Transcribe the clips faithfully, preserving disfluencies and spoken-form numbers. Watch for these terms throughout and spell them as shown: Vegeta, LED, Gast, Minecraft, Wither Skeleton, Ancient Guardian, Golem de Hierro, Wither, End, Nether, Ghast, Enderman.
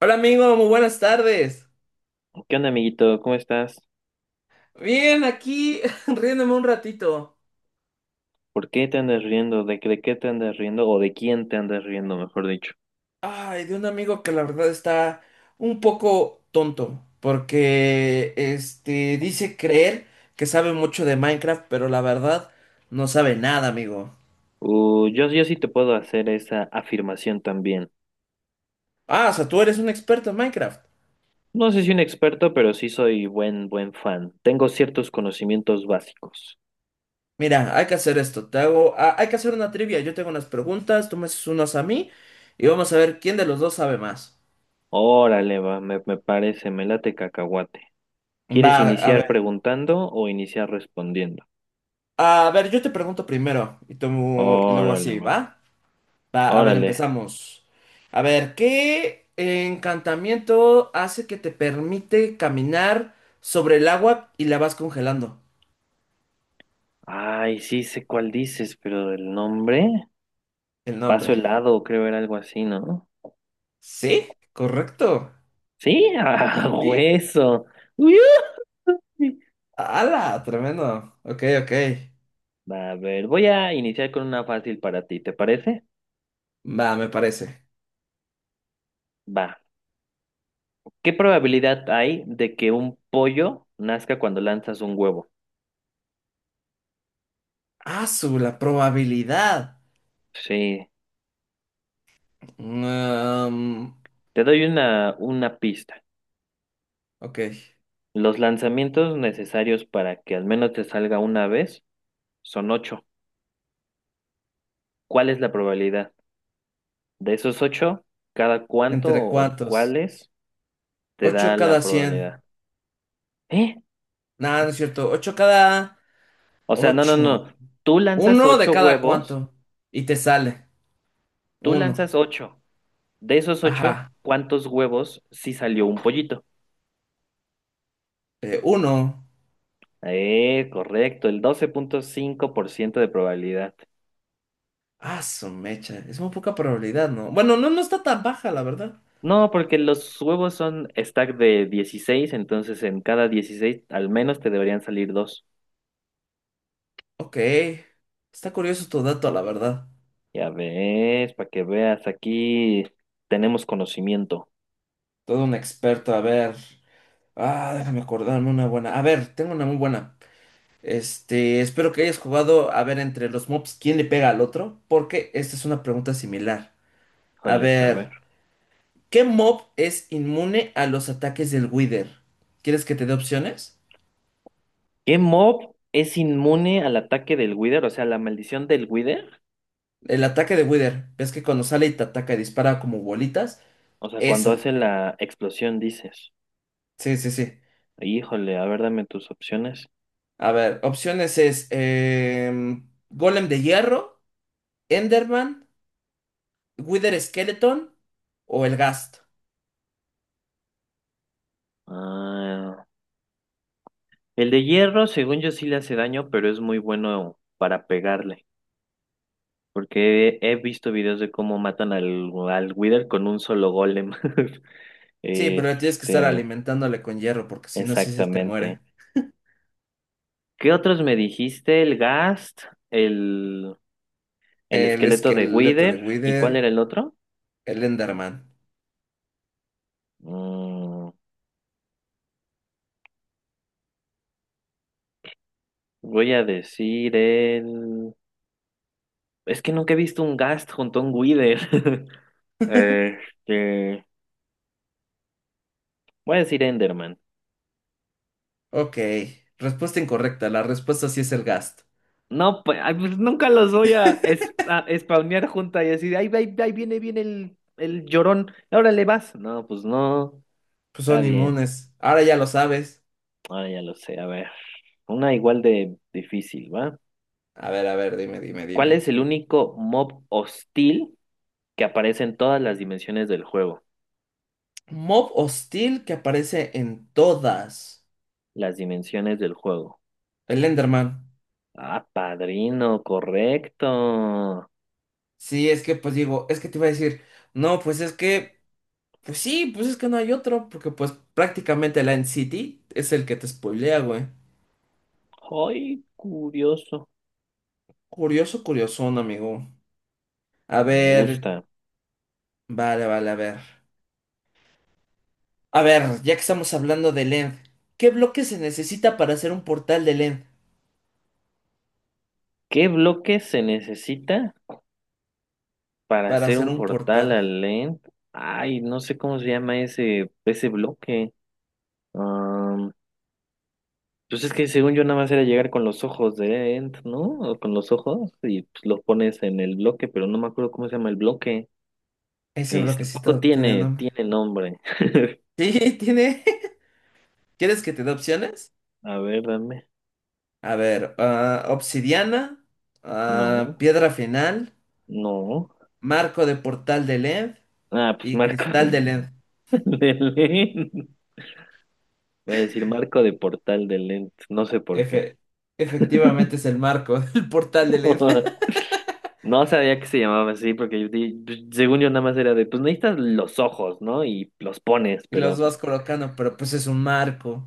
Hola amigo, muy buenas tardes. ¿Qué onda, amiguito? ¿Cómo estás? Bien, aquí riéndome un ratito. ¿Por qué te andas riendo? ¿De, qué- de qué te andas riendo? ¿O de quién te andas riendo, mejor dicho? Ay, de un amigo que la verdad está un poco tonto, porque este dice creer que sabe mucho de Minecraft, pero la verdad no sabe nada, amigo. Uh, yo, yo sí te puedo hacer esa afirmación también. Ah, o sea, tú eres un experto en Minecraft. No sé si un experto, pero sí soy buen, buen fan. Tengo ciertos conocimientos básicos. Mira, hay que hacer esto. Te hago, ah, hay que hacer una trivia. Yo tengo unas preguntas, tú me haces unas a mí y vamos a ver quién de los dos sabe más. Órale, va, me, me parece, me late cacahuate. ¿Quieres Va, a iniciar ver. preguntando o iniciar respondiendo? A ver, yo te pregunto primero y, tú- y luego Órale, así, va, ¿va? Va, a ver, órale. empezamos. A ver, ¿qué encantamiento hace que te permite caminar sobre el agua y la vas congelando? Ay, sí sé cuál dices, pero el nombre. El Paso nombre. helado, creo era algo así, ¿no? ¿Sí? Correcto. Sí, a ¿Sí? hueso. Uy, uy. ¡Hala! Tremendo. Ok, ok. Va, a ver, voy a iniciar con una fácil para ti, ¿te parece? Va, me parece. Va. ¿Qué probabilidad hay de que un pollo nazca cuando lanzas un huevo? Ah, su, la probabilidad. Sí, Mm, te doy una, una pista. ok. Los lanzamientos necesarios para que al menos te salga una vez son ocho. ¿Cuál es la probabilidad? De esos ocho, ¿cada cuánto ¿Entre o cuántos? cuáles te ocho da la cada cien probabilidad? ¿Eh? Nada, no es cierto. ocho cada O sea, no, no, no. ocho Tú lanzas Uno de ocho cada huevos. cuánto. Y te sale. Tú Uno. lanzas ocho. De esos ocho, Ajá. ¿cuántos huevos sí salió un pollito? Eh, uno. Eh, correcto, el doce punto cinco por ciento de probabilidad. Ah, su mecha. Es muy poca probabilidad, ¿no? Bueno, no, no está tan baja, la verdad. No, porque los huevos son stack de dieciséis, entonces en cada dieciséis al menos te deberían salir dos. Ok. Está curioso tu dato, la verdad. Ya ves, para que veas, aquí tenemos conocimiento. Todo un experto, a ver. Ah, déjame acordarme una buena. A ver, tengo una muy buena. Este, espero que hayas jugado a ver entre los mobs quién le pega al otro, porque esta es una pregunta similar. A Joder, a ver, ver. ¿qué mob es inmune a los ataques del Wither? ¿Quieres que te dé opciones? ¿Qué mob es inmune al ataque del Wither? O sea, la maldición del Wither. El ataque de Wither. ¿Ves que cuando sale y te ataca y dispara como bolitas? O sea, cuando Esa. hace la explosión, dices. Sí, sí, sí. Híjole, a ver, dame tus opciones. A ver, opciones es em, Golem de Hierro, Enderman, Wither Skeleton o el Gast. Ah, el de hierro, según yo, sí le hace daño, pero es muy bueno para pegarle. Porque he visto videos de cómo matan al, al Wither con un solo golem. Sí, pero tienes que estar Este, alimentándole con hierro porque si no, sí se te muere. exactamente. ¿Qué otros me dijiste? El Ghast, el, el El esqueleto de esqueleto de Wither, ¿y cuál Wither, era el otro? el Enderman. Mm, voy a decir el. Es que nunca he visto un Ghast junto a un Wither. Este, voy a decir Enderman. Ok, respuesta incorrecta. La respuesta sí es el Gast. No, pues, ay, pues, nunca los voy a, es, a spawnear junta y así de, ahí, ahí, ahí viene, viene el, el llorón, ahora le vas. No, pues no, Pues está son bien, inmunes. Ahora ya lo sabes. ahora ya lo sé, a ver, una igual de difícil, ¿va? A ver, a ver, dime, dime, ¿Cuál es dime. el único mob hostil que aparece en todas las dimensiones del juego? Mob hostil que aparece en todas. Las dimensiones del juego. El Enderman. Ah, padrino, correcto. Sí, es que pues digo, es que te iba a decir, no, pues es que, pues sí, pues es que no hay otro, porque pues prácticamente la City es el que te spoilea, güey. Ay, curioso. Curioso, curiosón, amigo. A Ah, me ver, gusta. vale, vale, a ver. A ver, ya que estamos hablando de End, ¿qué bloque se necesita para hacer un portal de End? ¿Qué bloque se necesita? Para Para hacer hacer un un portal portal. al End, ay, no sé cómo se llama ese, ese bloque. Am, pues es que según yo nada más era llegar con los ojos de End, ¿no? O con los ojos y pues, los pones en el bloque, pero no me acuerdo cómo se llama el bloque. Ese Este tampoco bloquecito tiene tiene, nombre. tiene nombre. Sí, tiene. ¿Quieres que te dé opciones? A ver, dame. A ver, ah, obsidiana, ah, No, piedra final, no. marco de portal de L E D Ah, pues y marco cristal de de, L E D. de Lent. Voy a decir marco de portal de Lent, no sé por qué. Efe- efectivamente es el marco del portal de L E D. No sabía que se llamaba así, porque yo di- pues, según yo nada más era de, pues necesitas los ojos, ¿no? Y los pones, Y los pero, pues, vas colocando, pero pues es un marco.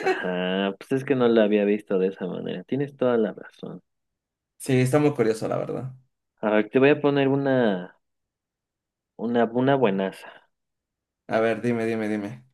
ajá, pues es que no la había visto de esa manera. Tienes toda la razón. Sí, está muy curioso, la verdad. A ver, te voy a poner una, una, una buenaza. A ver, dime, dime, dime.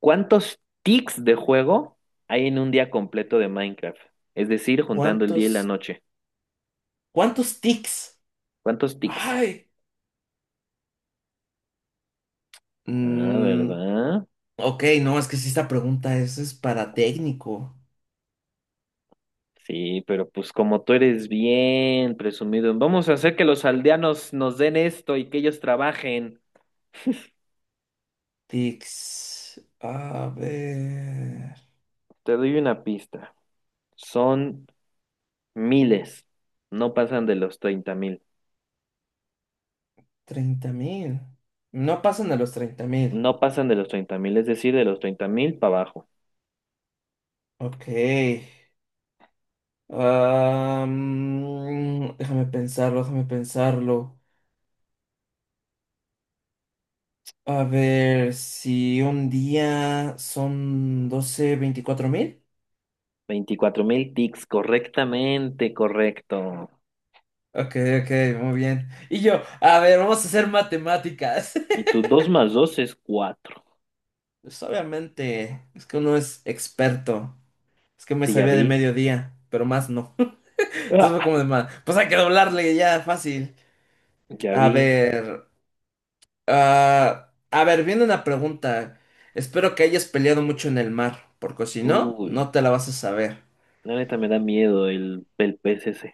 ¿Cuántos tics de juego hay en un día completo de Minecraft? Es decir, juntando el día y la ¿Cuántos, noche. cuántos tics? ¿Cuántos tics? Ay. Ah, mm, ¿verdad? ok, no, es que si esta pregunta es, es para técnico. Sí, pero pues como tú eres bien presumido, vamos a hacer que los aldeanos nos den esto y que ellos trabajen. Tics. A ver. Te doy una pista. Son miles. No pasan de los treinta mil. Treinta mil. No pasan a los treinta mil. No pasan de los treinta mil, es decir, de los treinta mil para abajo. Ok. Am, déjame pensarlo, déjame pensarlo. A ver, si un día son doce veinticuatro mil. Veinticuatro mil tics, correctamente, correcto. Ok, ok, muy bien. Y yo, a ver, vamos a hacer matemáticas. Y tu dos más dos es cuatro. Pues obviamente, es que uno es experto. Es que me Sí, ya sabía vi. de mediodía, pero más no. Entonces ¡Ah! fue como de más. Pues hay que doblarle ya, fácil. Ya A vi. ver. Ah, a ver, viene una pregunta. Espero que hayas peleado mucho en el mar, porque si no, Uy, no te la vas a saber. la neta me da miedo el, el pez ese.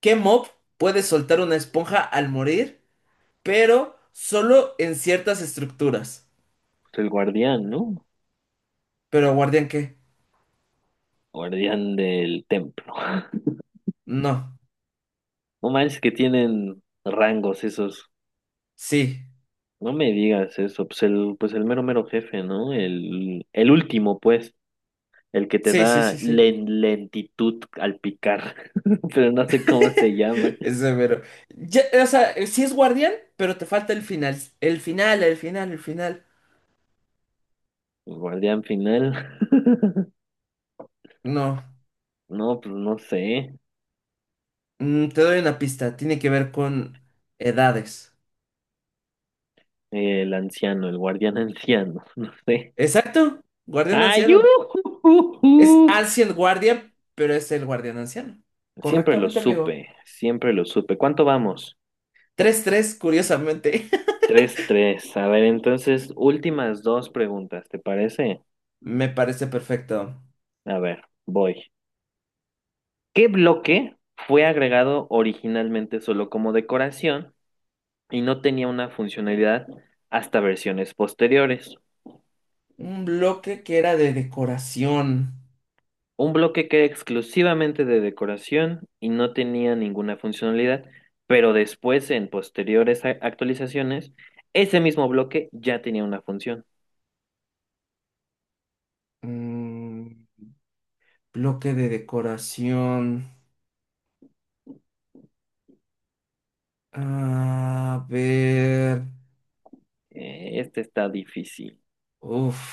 ¿Qué mob puede soltar una esponja al morir, pero solo en ciertas estructuras? El guardián, ¿no? ¿Pero guardián qué? Guardián del templo. No. No manches que tienen rangos esos. Sí. No me digas eso, pues el, pues el mero mero jefe, ¿no? El, el último, pues, el que te Sí, sí, da sí, sí. len- lentitud al picar, pero no sé cómo se llama. Es severo. Ya, o sea, eh, sí es guardián, pero te falta el final. El final, el final, el final. El guardián final. No. No, pues no sé. Mm, te doy una pista. Tiene que ver con edades. El anciano, el guardián anciano, no sé. Exacto. Guardián ¡Ay, anciano. ujujuju! Es Ancient Guardian, pero es el guardián anciano. Siempre lo Correctamente, amigo. supe, siempre lo supe. ¿Cuánto vamos? Tres tres, curiosamente. Tres, tres. A ver, entonces, últimas dos preguntas, ¿te parece? Me parece perfecto. A ver, voy. ¿Qué bloque fue agregado originalmente solo como decoración y no tenía una funcionalidad hasta versiones posteriores? Un bloque que era de decoración. Un bloque que era exclusivamente de decoración y no tenía ninguna funcionalidad, pero después en posteriores a- actualizaciones, ese mismo bloque ya tenía una función. Mm, bloque de decoración. A ver. Eh, este está difícil. Uf.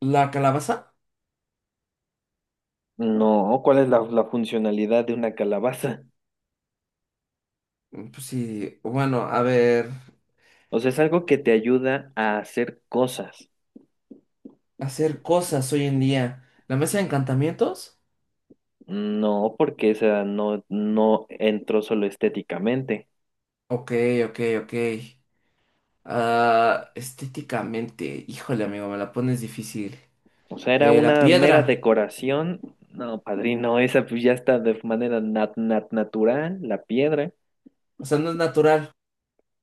¿La calabaza? No, ¿cuál es la, la funcionalidad de una calabaza? Mm, pues sí. Bueno, a ver. O sea, es algo que te ayuda a hacer cosas. Hacer cosas hoy en día. ¿La mesa de encantamientos? No, porque esa no, no entró solo estéticamente. Ok, ok, ok. Ah, estéticamente, híjole, amigo, me la pones difícil. O sea, era Eh, la una mera piedra, decoración. No, padrino, esa pues ya está de manera nat- nat- natural, la piedra. o sea, no es natural.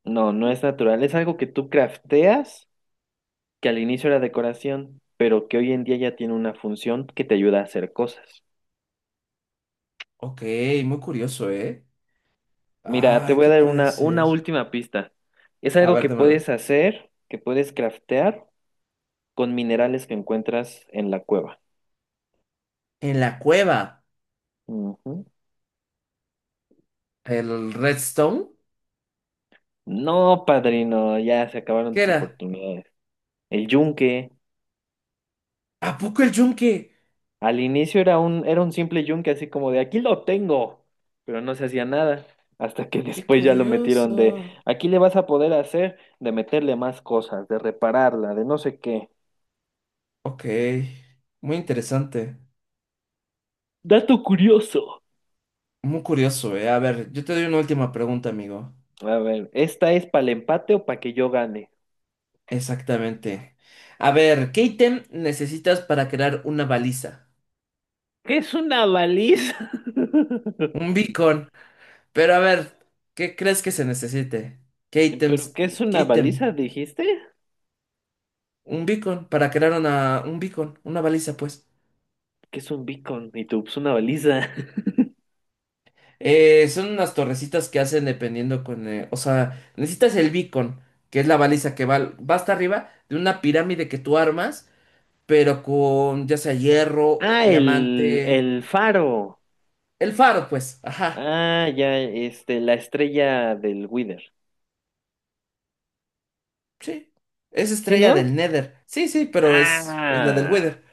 No, no es natural. Es algo que tú crafteas, que al inicio era decoración, pero que hoy en día ya tiene una función que te ayuda a hacer cosas. Ok, muy curioso, ¿eh? Mira, te Ah, voy a ¿qué dar puede una, una ser? última pista. Es A algo ver, que dámela. puedes hacer, que puedes craftear con minerales que encuentras en la cueva. En la cueva, Ujú. el redstone, No, padrino, ya se acabaron ¿qué tus era? oportunidades. El yunque, ¿A poco el yunque? al inicio era un, era un simple yunque, así como de aquí lo tengo, pero no se hacía nada, hasta que Qué después ya lo metieron de curioso. aquí le vas a poder hacer, de meterle más cosas, de repararla, de no sé qué. Ok, muy interesante. Dato curioso. Muy curioso, ¿eh? A ver, yo te doy una última pregunta, amigo. A ver, ¿esta es para el empate o para que yo gane? Exactamente. A ver, ¿qué ítem necesitas para crear una baliza? ¿Qué es una baliza? Un beacon. Pero a ver, ¿qué crees que se necesite? ¿Qué ¿Pero ítems? qué es ¿Qué una ítem? baliza, dijiste? Un beacon para crear una, un beacon, una baliza, pues. ¿Qué es un beacon? Y tú, pues una baliza. Eh, son unas torrecitas que hacen dependiendo con. Eh, o sea, necesitas el beacon, que es la baliza que va, va hasta arriba de una pirámide que tú armas, pero con ya sea hierro, o Ah, el, diamante. el faro. El faro, pues. Ajá. Ah, ya, este, la estrella del Wither. Sí. Es ¿Sí, estrella no? del Nether. Sí, sí, pero es, es la del Ah, Wither.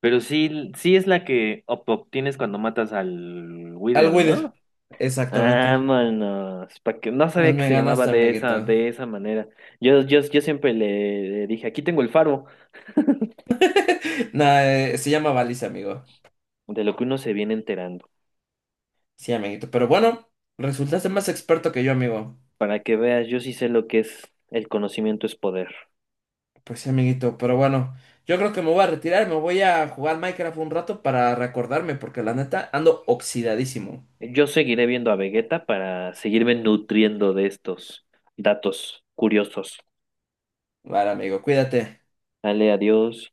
pero sí, sí es la que ob- obtienes cuando matas al Al Wither, Wither. ¿no? Exactamente. Vámonos, para que no Pues sabía que me se llamaba ganaste, de amiguito. esa, de esa manera. Yo, yo, yo siempre le, le dije, aquí tengo el faro. Nah, eh, se llama baliza, amigo. De lo que uno se viene enterando. Sí, amiguito. Pero bueno, resultaste más experto que yo, amigo. Para que veas, yo sí sé lo que es el conocimiento es poder. Pues sí, amiguito. Pero bueno, yo creo que me voy a retirar. Me voy a jugar Minecraft un rato para recordarme, porque la neta ando oxidadísimo. Yo seguiré viendo a Vegeta para seguirme nutriendo de estos datos curiosos. Vale, amigo, cuídate. Dale, adiós.